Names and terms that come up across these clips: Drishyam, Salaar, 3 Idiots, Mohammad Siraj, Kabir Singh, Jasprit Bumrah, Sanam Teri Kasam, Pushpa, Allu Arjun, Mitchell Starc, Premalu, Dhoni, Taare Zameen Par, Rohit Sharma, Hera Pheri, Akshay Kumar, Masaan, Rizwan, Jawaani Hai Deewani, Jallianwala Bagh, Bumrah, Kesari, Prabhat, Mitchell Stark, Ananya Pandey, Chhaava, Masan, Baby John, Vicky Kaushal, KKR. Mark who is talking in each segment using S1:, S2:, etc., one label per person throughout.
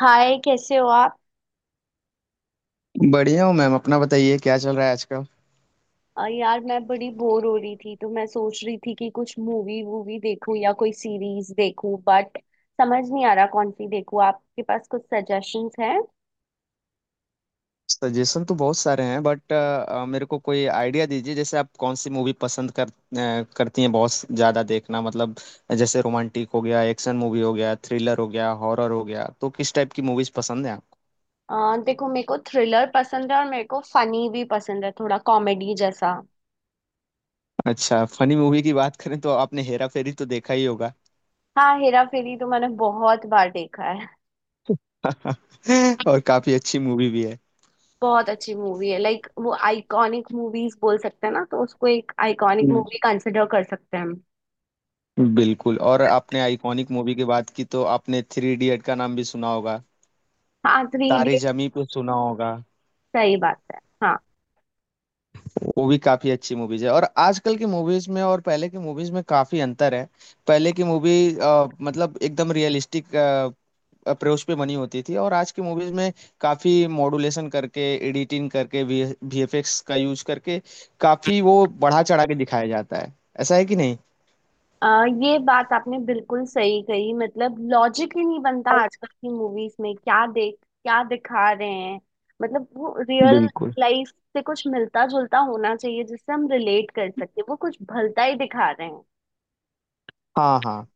S1: हाय, कैसे हो आप।
S2: बढ़िया हूँ मैम। अपना बताइए क्या चल रहा है आजकल।
S1: यार, मैं बड़ी बोर हो रही थी तो मैं सोच रही थी कि कुछ मूवी वूवी देखूं या कोई सीरीज देखूं बट समझ नहीं आ रहा कौन सी देखूं। आपके पास कुछ सजेशंस हैं।
S2: सजेशन तो बहुत सारे हैं बट मेरे को कोई आइडिया दीजिए। जैसे आप कौन सी मूवी पसंद कर करती हैं, बहुत ज़्यादा देखना मतलब। जैसे रोमांटिक हो गया, एक्शन मूवी हो गया, थ्रिलर हो गया, हॉरर हो गया, तो किस टाइप की मूवीज़ पसंद है आपको।
S1: देखो, मेरे को थ्रिलर पसंद है और मेरे को फनी भी पसंद है, थोड़ा कॉमेडी जैसा।
S2: अच्छा, फनी मूवी की बात करें तो आपने हेरा फेरी तो देखा ही होगा।
S1: हाँ, हेरा फेरी तो मैंने बहुत बार देखा है।
S2: और काफ़ी अच्छी मूवी भी है।
S1: बहुत अच्छी मूवी है, लाइक वो आइकॉनिक मूवीज बोल सकते हैं ना, तो उसको एक आइकॉनिक
S2: हम्म।
S1: मूवी कंसिडर कर सकते हैं हम।
S2: बिल्कुल। और आपने आइकॉनिक मूवी की बात की तो आपने थ्री इडियट का नाम भी सुना होगा।
S1: हाँ, थ्री
S2: तारे
S1: इडियट।
S2: जमी पे सुना होगा।
S1: सही बात है, हाँ।
S2: वो भी काफी अच्छी मूवीज है। और आजकल की मूवीज में और पहले की मूवीज में काफी अंतर है। पहले की मूवी मतलब एकदम रियलिस्टिक अप्रोच पे बनी होती थी, और आज की मूवीज में काफी मॉड्यूलेशन करके, एडिटिंग करके, वी वीएफएक्स का यूज करके काफी वो बढ़ा चढ़ा के दिखाया जाता है। ऐसा है कि नहीं।
S1: अ, ये बात आपने बिल्कुल सही कही। मतलब लॉजिक ही नहीं बनता आजकल की मूवीज में, क्या देख क्या दिखा रहे हैं। मतलब वो रियल
S2: बिल्कुल।
S1: लाइफ से कुछ मिलता जुलता होना चाहिए जिससे हम रिलेट कर सकते हैं, वो कुछ भलता ही दिखा रहे हैं।
S2: हाँ हाँ।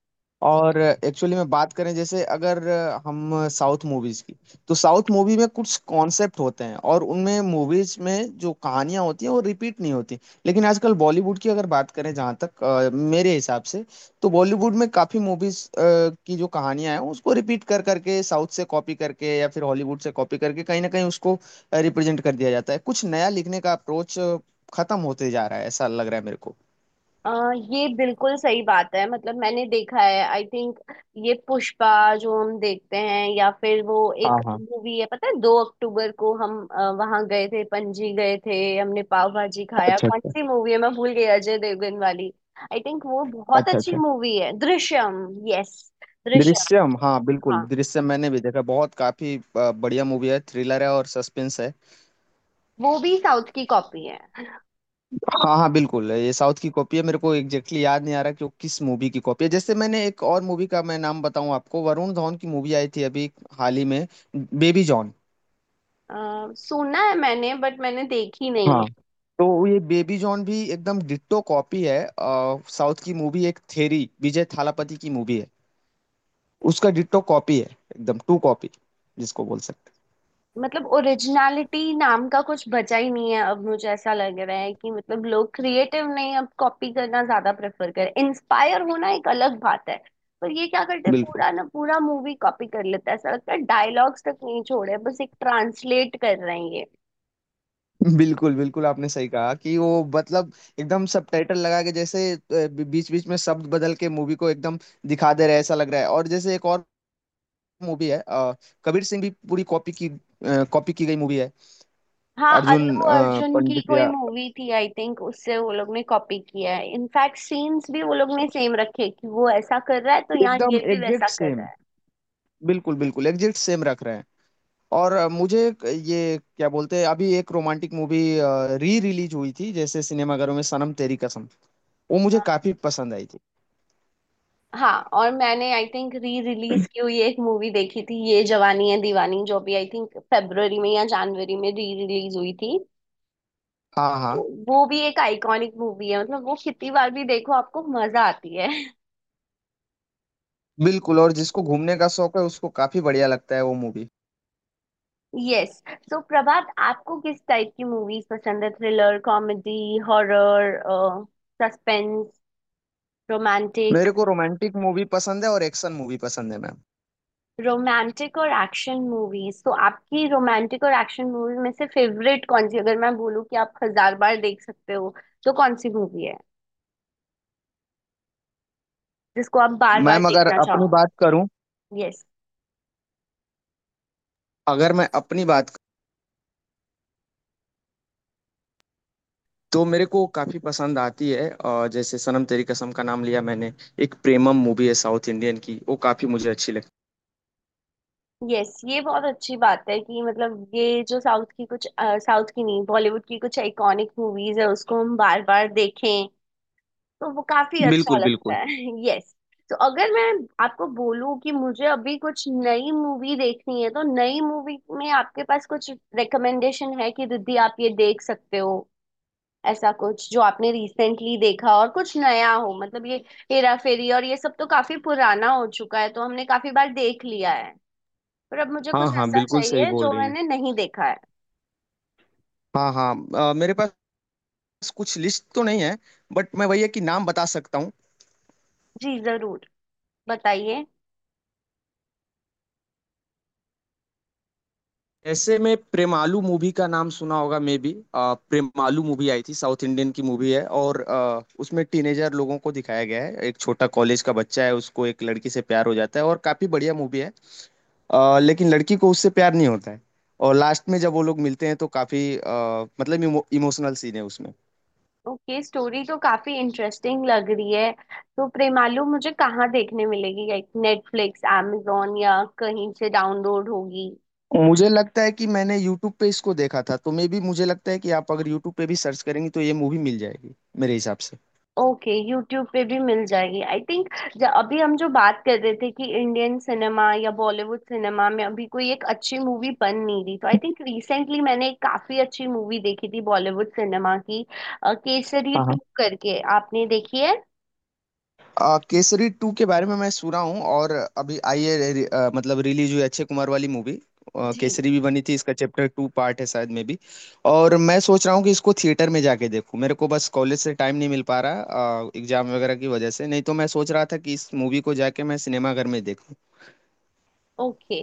S2: और एक्चुअली में बात करें, जैसे अगर हम साउथ मूवीज की, तो साउथ मूवी में कुछ कॉन्सेप्ट होते हैं और उनमें मूवीज में जो कहानियां होती हैं वो रिपीट नहीं होती। लेकिन आजकल बॉलीवुड की अगर बात करें, जहां तक मेरे हिसाब से, तो बॉलीवुड में काफी मूवीज की जो कहानियां हैं उसको रिपीट कर करके, साउथ से कॉपी करके या फिर हॉलीवुड से कॉपी करके, कहीं ना कहीं उसको रिप्रेजेंट कर दिया जाता है। कुछ नया लिखने का अप्रोच खत्म होते जा रहा है, ऐसा लग रहा है मेरे को।
S1: अ ये बिल्कुल सही बात है। मतलब मैंने देखा है, आई थिंक ये पुष्पा जो हम देखते हैं, या फिर वो एक
S2: हाँ हाँ।
S1: मूवी है, पता है, 2 अक्टूबर को हम वहां गए थे, पणजी गए थे, हमने पाव भाजी खाया।
S2: अच्छा
S1: कौन
S2: अच्छा।
S1: सी मूवी है, मैं भूल गई, अजय देवगन वाली। आई थिंक वो बहुत
S2: अच्छा
S1: अच्छी
S2: अच्छा।
S1: मूवी है, दृश्यम। यस, दृश्यम।
S2: दृश्यम, हाँ बिल्कुल
S1: हाँ,
S2: दृश्यम। मैंने भी देखा, बहुत काफी बढ़िया मूवी है, थ्रिलर है और सस्पेंस है।
S1: वो भी साउथ की कॉपी है।
S2: हाँ हाँ बिल्कुल, ये साउथ की कॉपी है। मेरे को एग्जैक्टली याद नहीं आ रहा कि वो किस मूवी की कॉपी है। जैसे मैंने एक और मूवी का मैं नाम बताऊं आपको, वरुण धवन की मूवी आई थी अभी हाल ही में, बेबी जॉन।
S1: सुना है मैंने बट मैंने देखी नहीं।
S2: हाँ। तो ये बेबी जॉन भी एकदम डिट्टो कॉपी है। साउथ की मूवी एक थेरी, विजय थालापति की मूवी है, उसका डिट्टो कॉपी है, एकदम टू कॉपी जिसको बोल सकते
S1: मतलब ओरिजिनलिटी नाम का कुछ बचा ही नहीं है अब, मुझे ऐसा लग रहा है कि मतलब लोग क्रिएटिव नहीं, अब कॉपी करना ज्यादा प्रेफर कर। इंस्पायर होना एक अलग बात है, पर ये क्या करते
S2: हैं।
S1: हैं,
S2: बिल्कुल
S1: पूरा ना पूरा मूवी कॉपी कर लेता है। ऐसा लगता है डायलॉग्स तक नहीं छोड़े, बस एक ट्रांसलेट कर रहे हैं ये।
S2: बिल्कुल। बिल्कुल आपने सही कहा कि वो मतलब एकदम सबटाइटल लगा के, जैसे बीच बीच में शब्द बदल के मूवी को एकदम दिखा दे रहे हैं ऐसा लग रहा है। और जैसे एक और मूवी है कबीर सिंह भी पूरी कॉपी की, कॉपी की गई मूवी है।
S1: हाँ,
S2: अर्जुन
S1: अल्लू अर्जुन की
S2: पंडित
S1: कोई
S2: या,
S1: मूवी थी, आई थिंक उससे वो लोग ने कॉपी किया है। इनफैक्ट सीन्स भी वो लोग ने सेम रखे, कि वो ऐसा कर रहा है तो यहाँ ये
S2: एकदम
S1: भी वैसा
S2: एग्जैक्ट
S1: कर
S2: सेम।
S1: रहा है।
S2: बिल्कुल बिल्कुल एग्जैक्ट सेम रख रहे हैं। और मुझे एक, ये क्या बोलते हैं, अभी एक रोमांटिक मूवी री रिलीज हुई थी जैसे सिनेमाघरों में, सनम तेरी कसम। वो मुझे काफी पसंद आई थी।
S1: हाँ और मैंने आई थिंक री रिलीज की हुई एक मूवी देखी थी, ये जवानी है दीवानी, जो भी आई थिंक फरवरी में या जनवरी में री रिलीज हुई थी।
S2: हाँ
S1: तो
S2: हाँ।
S1: वो भी एक आइकॉनिक मूवी है, मतलब वो कितनी बार भी देखो आपको मजा आती है।
S2: बिल्कुल। और जिसको घूमने का शौक है उसको काफी बढ़िया लगता है वो मूवी।
S1: यस। सो प्रभात, आपको किस टाइप की मूवीज पसंद है, थ्रिलर, कॉमेडी, हॉरर, सस्पेंस,
S2: मेरे
S1: रोमांटिक?
S2: को रोमांटिक मूवी पसंद है और एक्शन मूवी पसंद है मैम।
S1: रोमांटिक और एक्शन मूवीज, तो आपकी रोमांटिक और एक्शन मूवी में से फेवरेट कौन सी, अगर मैं बोलूँ कि आप हजार बार देख सकते हो, तो कौन सी मूवी है जिसको आप बार बार
S2: मैम अगर
S1: देखना
S2: अपनी
S1: चाहो?
S2: बात करूं,
S1: यस।
S2: अगर मैं अपनी बात, तो मेरे को काफी पसंद आती है। और जैसे सनम तेरी कसम का नाम लिया मैंने, एक प्रेमम मूवी है साउथ इंडियन की, वो काफी मुझे अच्छी
S1: यस, ये बहुत अच्छी बात है कि मतलब ये जो साउथ की कुछ, साउथ की नहीं, बॉलीवुड की कुछ आइकॉनिक मूवीज है उसको हम बार बार देखें, तो वो काफी
S2: लगती।
S1: अच्छा
S2: बिल्कुल
S1: लगता
S2: बिल्कुल।
S1: है। यस। तो अगर मैं आपको बोलूं कि मुझे अभी कुछ नई मूवी देखनी है, तो नई मूवी में आपके पास कुछ रिकमेंडेशन है कि दीदी आप ये देख सकते हो, ऐसा कुछ जो आपने रिसेंटली देखा और कुछ नया हो। मतलब ये हेरा फेरी और ये सब तो काफी पुराना हो चुका है, तो हमने काफी बार देख लिया है। पर अब मुझे
S2: हाँ
S1: कुछ
S2: हाँ
S1: ऐसा
S2: बिल्कुल सही
S1: चाहिए
S2: बोल
S1: जो
S2: रही हैं।
S1: मैंने नहीं देखा है।
S2: हाँ हाँ मेरे पास कुछ लिस्ट तो नहीं है बट मैं भैया कि नाम बता सकता हूँ।
S1: जी जरूर, बताइए।
S2: ऐसे में प्रेमालू मूवी का नाम सुना होगा मे बी। प्रेमालू मूवी आई थी, साउथ इंडियन की मूवी है, और उसमें टीनेजर लोगों को दिखाया गया है। एक छोटा कॉलेज का बच्चा है, उसको एक लड़की से प्यार हो जाता है, और काफी बढ़िया मूवी है। लेकिन लड़की को उससे प्यार नहीं होता है, और लास्ट में जब वो लोग मिलते हैं तो काफी मतलब इमोशनल सीन है उसमें।
S1: ओके, स्टोरी तो काफी इंटरेस्टिंग लग रही है। तो प्रेमालू मुझे कहाँ देखने मिलेगी, लाइक नेटफ्लिक्स, amazon, या कहीं से डाउनलोड होगी?
S2: मुझे लगता है कि मैंने यूट्यूब पे इसको देखा था, तो मे बी मुझे लगता है कि आप अगर यूट्यूब पे भी सर्च करेंगी तो ये मूवी मिल जाएगी मेरे हिसाब
S1: ओके, यूट्यूब पे भी मिल जाएगी आई थिंक। अभी हम जो बात कर रहे थे कि इंडियन सिनेमा या बॉलीवुड सिनेमा में अभी कोई एक अच्छी मूवी बन नहीं रही, तो आई थिंक रिसेंटली मैंने एक काफी अच्छी मूवी देखी थी बॉलीवुड सिनेमा की, केसरी
S2: से।
S1: टू करके, आपने देखी है?
S2: केसरी टू के बारे में मैं सुना हूँ, और अभी आई है रे- रे- आ, मतलब रिलीज हुई, अक्षय कुमार वाली मूवी।
S1: जी।
S2: केसरी भी बनी थी, इसका चैप्टर टू पार्ट है शायद में भी। और मैं सोच रहा हूँ कि इसको थिएटर में जाके देखूँ। मेरे को बस कॉलेज से टाइम नहीं मिल पा रहा, एग्जाम वगैरह की वजह से। नहीं तो मैं सोच रहा था कि इस मूवी को जाके मैं सिनेमाघर में देखूँ।
S1: ओके,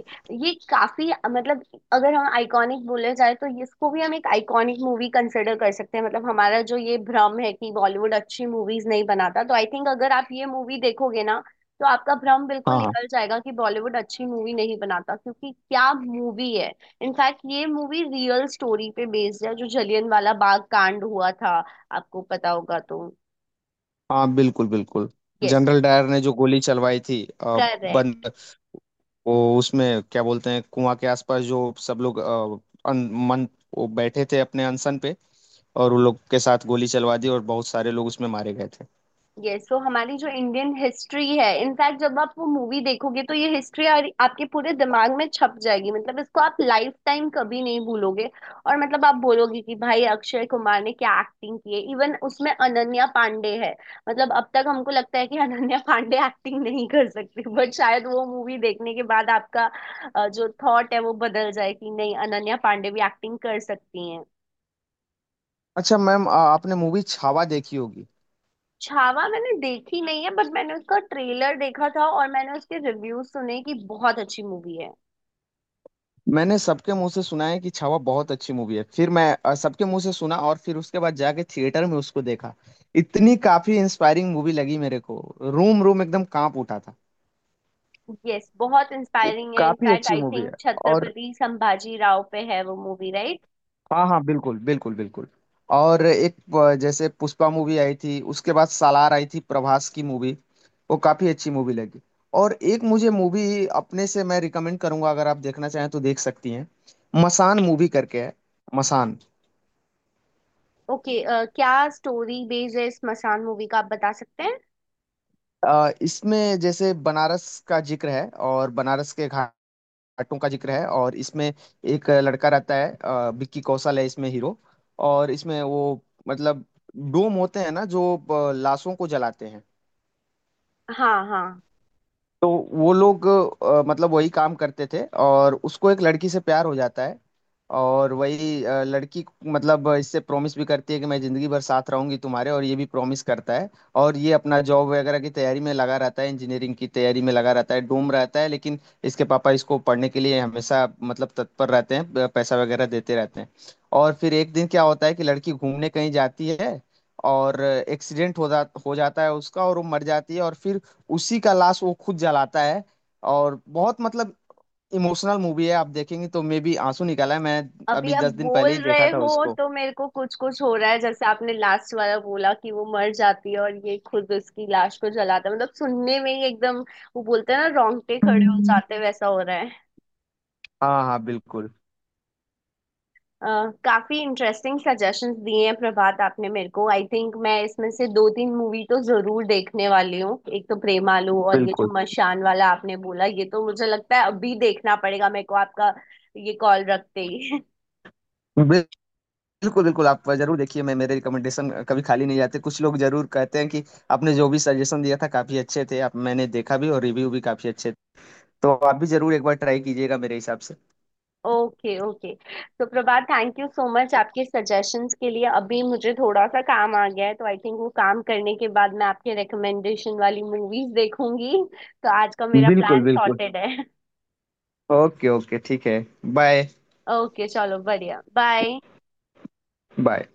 S1: ये काफी मतलब, अगर हम आइकॉनिक बोले जाए तो इसको भी हम एक आइकॉनिक मूवी कंसिडर कर सकते हैं। मतलब हमारा जो ये भ्रम है कि बॉलीवुड अच्छी मूवीज नहीं बनाता, तो आई थिंक अगर आप ये मूवी देखोगे ना, तो आपका भ्रम बिल्कुल
S2: हाँ हाँ।
S1: निकल जाएगा कि बॉलीवुड अच्छी मूवी नहीं बनाता, क्योंकि क्या मूवी है। इनफैक्ट ये मूवी रियल स्टोरी पे बेस्ड है, जो जलियनवाला बाग कांड हुआ था, आपको पता होगा तो।
S2: हाँ बिल्कुल बिल्कुल।
S1: यस।
S2: जनरल डायर ने जो गोली चलवाई थी,
S1: करेक्ट।
S2: बंद, वो उसमें क्या बोलते हैं, कुआं के आसपास जो सब लोग मन, वो बैठे थे अपने अनशन पे, और उन लोग के साथ गोली चलवा दी और बहुत सारे लोग उसमें मारे गए थे।
S1: ये, सो हमारी जो इंडियन हिस्ट्री है, इनफैक्ट जब आप वो मूवी देखोगे तो ये हिस्ट्री आपके पूरे दिमाग में छप जाएगी। मतलब इसको आप लाइफ टाइम कभी नहीं भूलोगे। और मतलब आप बोलोगे कि भाई अक्षय कुमार ने क्या एक्टिंग की है। इवन उसमें अनन्या पांडे है, मतलब अब तक हमको लगता है कि अनन्या पांडे एक्टिंग नहीं कर सकती, बट शायद वो मूवी देखने के बाद आपका जो थॉट है वो बदल जाए कि नहीं, अनन्या पांडे भी एक्टिंग कर सकती हैं।
S2: अच्छा मैम, आपने मूवी छावा देखी होगी।
S1: छावा मैंने देखी नहीं है, बट मैंने उसका ट्रेलर देखा था और मैंने उसके रिव्यूज सुने कि बहुत अच्छी मूवी है।
S2: मैंने सबके मुंह से सुना है कि छावा बहुत अच्छी मूवी है। फिर मैं सबके मुंह से सुना, और फिर उसके बाद जाके थिएटर में उसको देखा। इतनी काफी इंस्पायरिंग मूवी लगी मेरे को, रूम रूम एकदम कांप उठा था।
S1: यस, बहुत इंस्पायरिंग है।
S2: काफी
S1: इनफैक्ट
S2: अच्छी
S1: आई
S2: मूवी है।
S1: थिंक
S2: और
S1: छत्रपति संभाजी राव पे है वो मूवी, राइट?
S2: हाँ हाँ बिल्कुल बिल्कुल बिल्कुल। और एक, जैसे पुष्पा मूवी आई थी, उसके बाद सालार आई थी प्रभास की मूवी, वो काफी अच्छी मूवी लगी। और एक मुझे मूवी अपने से मैं रिकमेंड करूंगा, अगर आप देखना चाहें तो देख सकती हैं। मसान मूवी करके है, मसान।
S1: ओके, क्या स्टोरी बेस है इस मसान मूवी का, आप बता सकते हैं?
S2: इसमें जैसे बनारस का जिक्र है और बनारस के घाटों का जिक्र है। और इसमें एक लड़का रहता है, विक्की कौशल है इसमें हीरो। और इसमें वो मतलब डोम होते हैं ना जो लाशों को जलाते हैं।
S1: हाँ हाँ।
S2: तो वो लोग मतलब वही काम करते थे, और उसको एक लड़की से प्यार हो जाता है। और वही लड़की मतलब इससे प्रॉमिस भी करती है कि मैं जिंदगी भर साथ रहूंगी तुम्हारे, और ये भी प्रॉमिस करता है। और ये अपना जॉब वगैरह की तैयारी में लगा रहता है, इंजीनियरिंग की तैयारी में लगा रहता है, डूम रहता है। लेकिन इसके पापा इसको पढ़ने के लिए हमेशा मतलब तत्पर रहते हैं, पैसा वगैरह देते रहते हैं। और फिर एक दिन क्या होता है कि लड़की घूमने कहीं जाती है, और एक्सीडेंट हो जाता है उसका, और वो मर जाती है। और फिर उसी का लाश वो खुद जलाता है। और बहुत मतलब इमोशनल मूवी है, आप देखेंगे तो मे भी, आंसू निकाला है मैं।
S1: अभी
S2: अभी
S1: आप
S2: 10 दिन
S1: बोल
S2: पहले ही देखा
S1: रहे
S2: था
S1: हो
S2: उसको।
S1: तो मेरे को कुछ कुछ हो रहा है, जैसे आपने लास्ट वाला बोला कि वो मर जाती है और ये खुद उसकी लाश को जलाता है, मतलब सुनने में ही एकदम। वो बोलते हैं ना, रोंगटे खड़े हो जाते हैं, वैसा हो रहा है।
S2: हाँ हाँ बिल्कुल
S1: अ, काफी इंटरेस्टिंग सजेशंस दिए हैं प्रभात आपने मेरे को। आई थिंक मैं इसमें से 2 3 मूवी तो जरूर देखने वाली हूँ, एक तो प्रेमालू और ये
S2: बिल्कुल।
S1: जो मशान वाला आपने बोला, ये तो मुझे लगता है अभी देखना पड़ेगा मेरे को, आपका ये कॉल रखते ही।
S2: बिल- बिल्कुल बिल्कुल, आप जरूर देखिए। मैं, मेरे रिकमेंडेशन कभी खाली नहीं जाते। कुछ लोग जरूर कहते हैं कि आपने जो भी सजेशन दिया था काफी अच्छे थे, आप मैंने देखा भी और रिव्यू भी काफी अच्छे थे। तो आप भी जरूर एक बार ट्राई कीजिएगा मेरे हिसाब से।
S1: Okay okay. तो Prabhat, thank you so much आपके सजेशंस के लिए। अभी मुझे थोड़ा सा काम आ गया है, तो आई थिंक वो काम करने के बाद मैं आपके रिकमेंडेशन वाली मूवीज देखूंगी, तो आज का मेरा
S2: बिल्कुल
S1: प्लान
S2: बिल्कुल।
S1: सॉर्टेड है।
S2: ओके ओके ठीक है। बाय।
S1: ओके चलो, बढ़िया, बाय।
S2: बाय।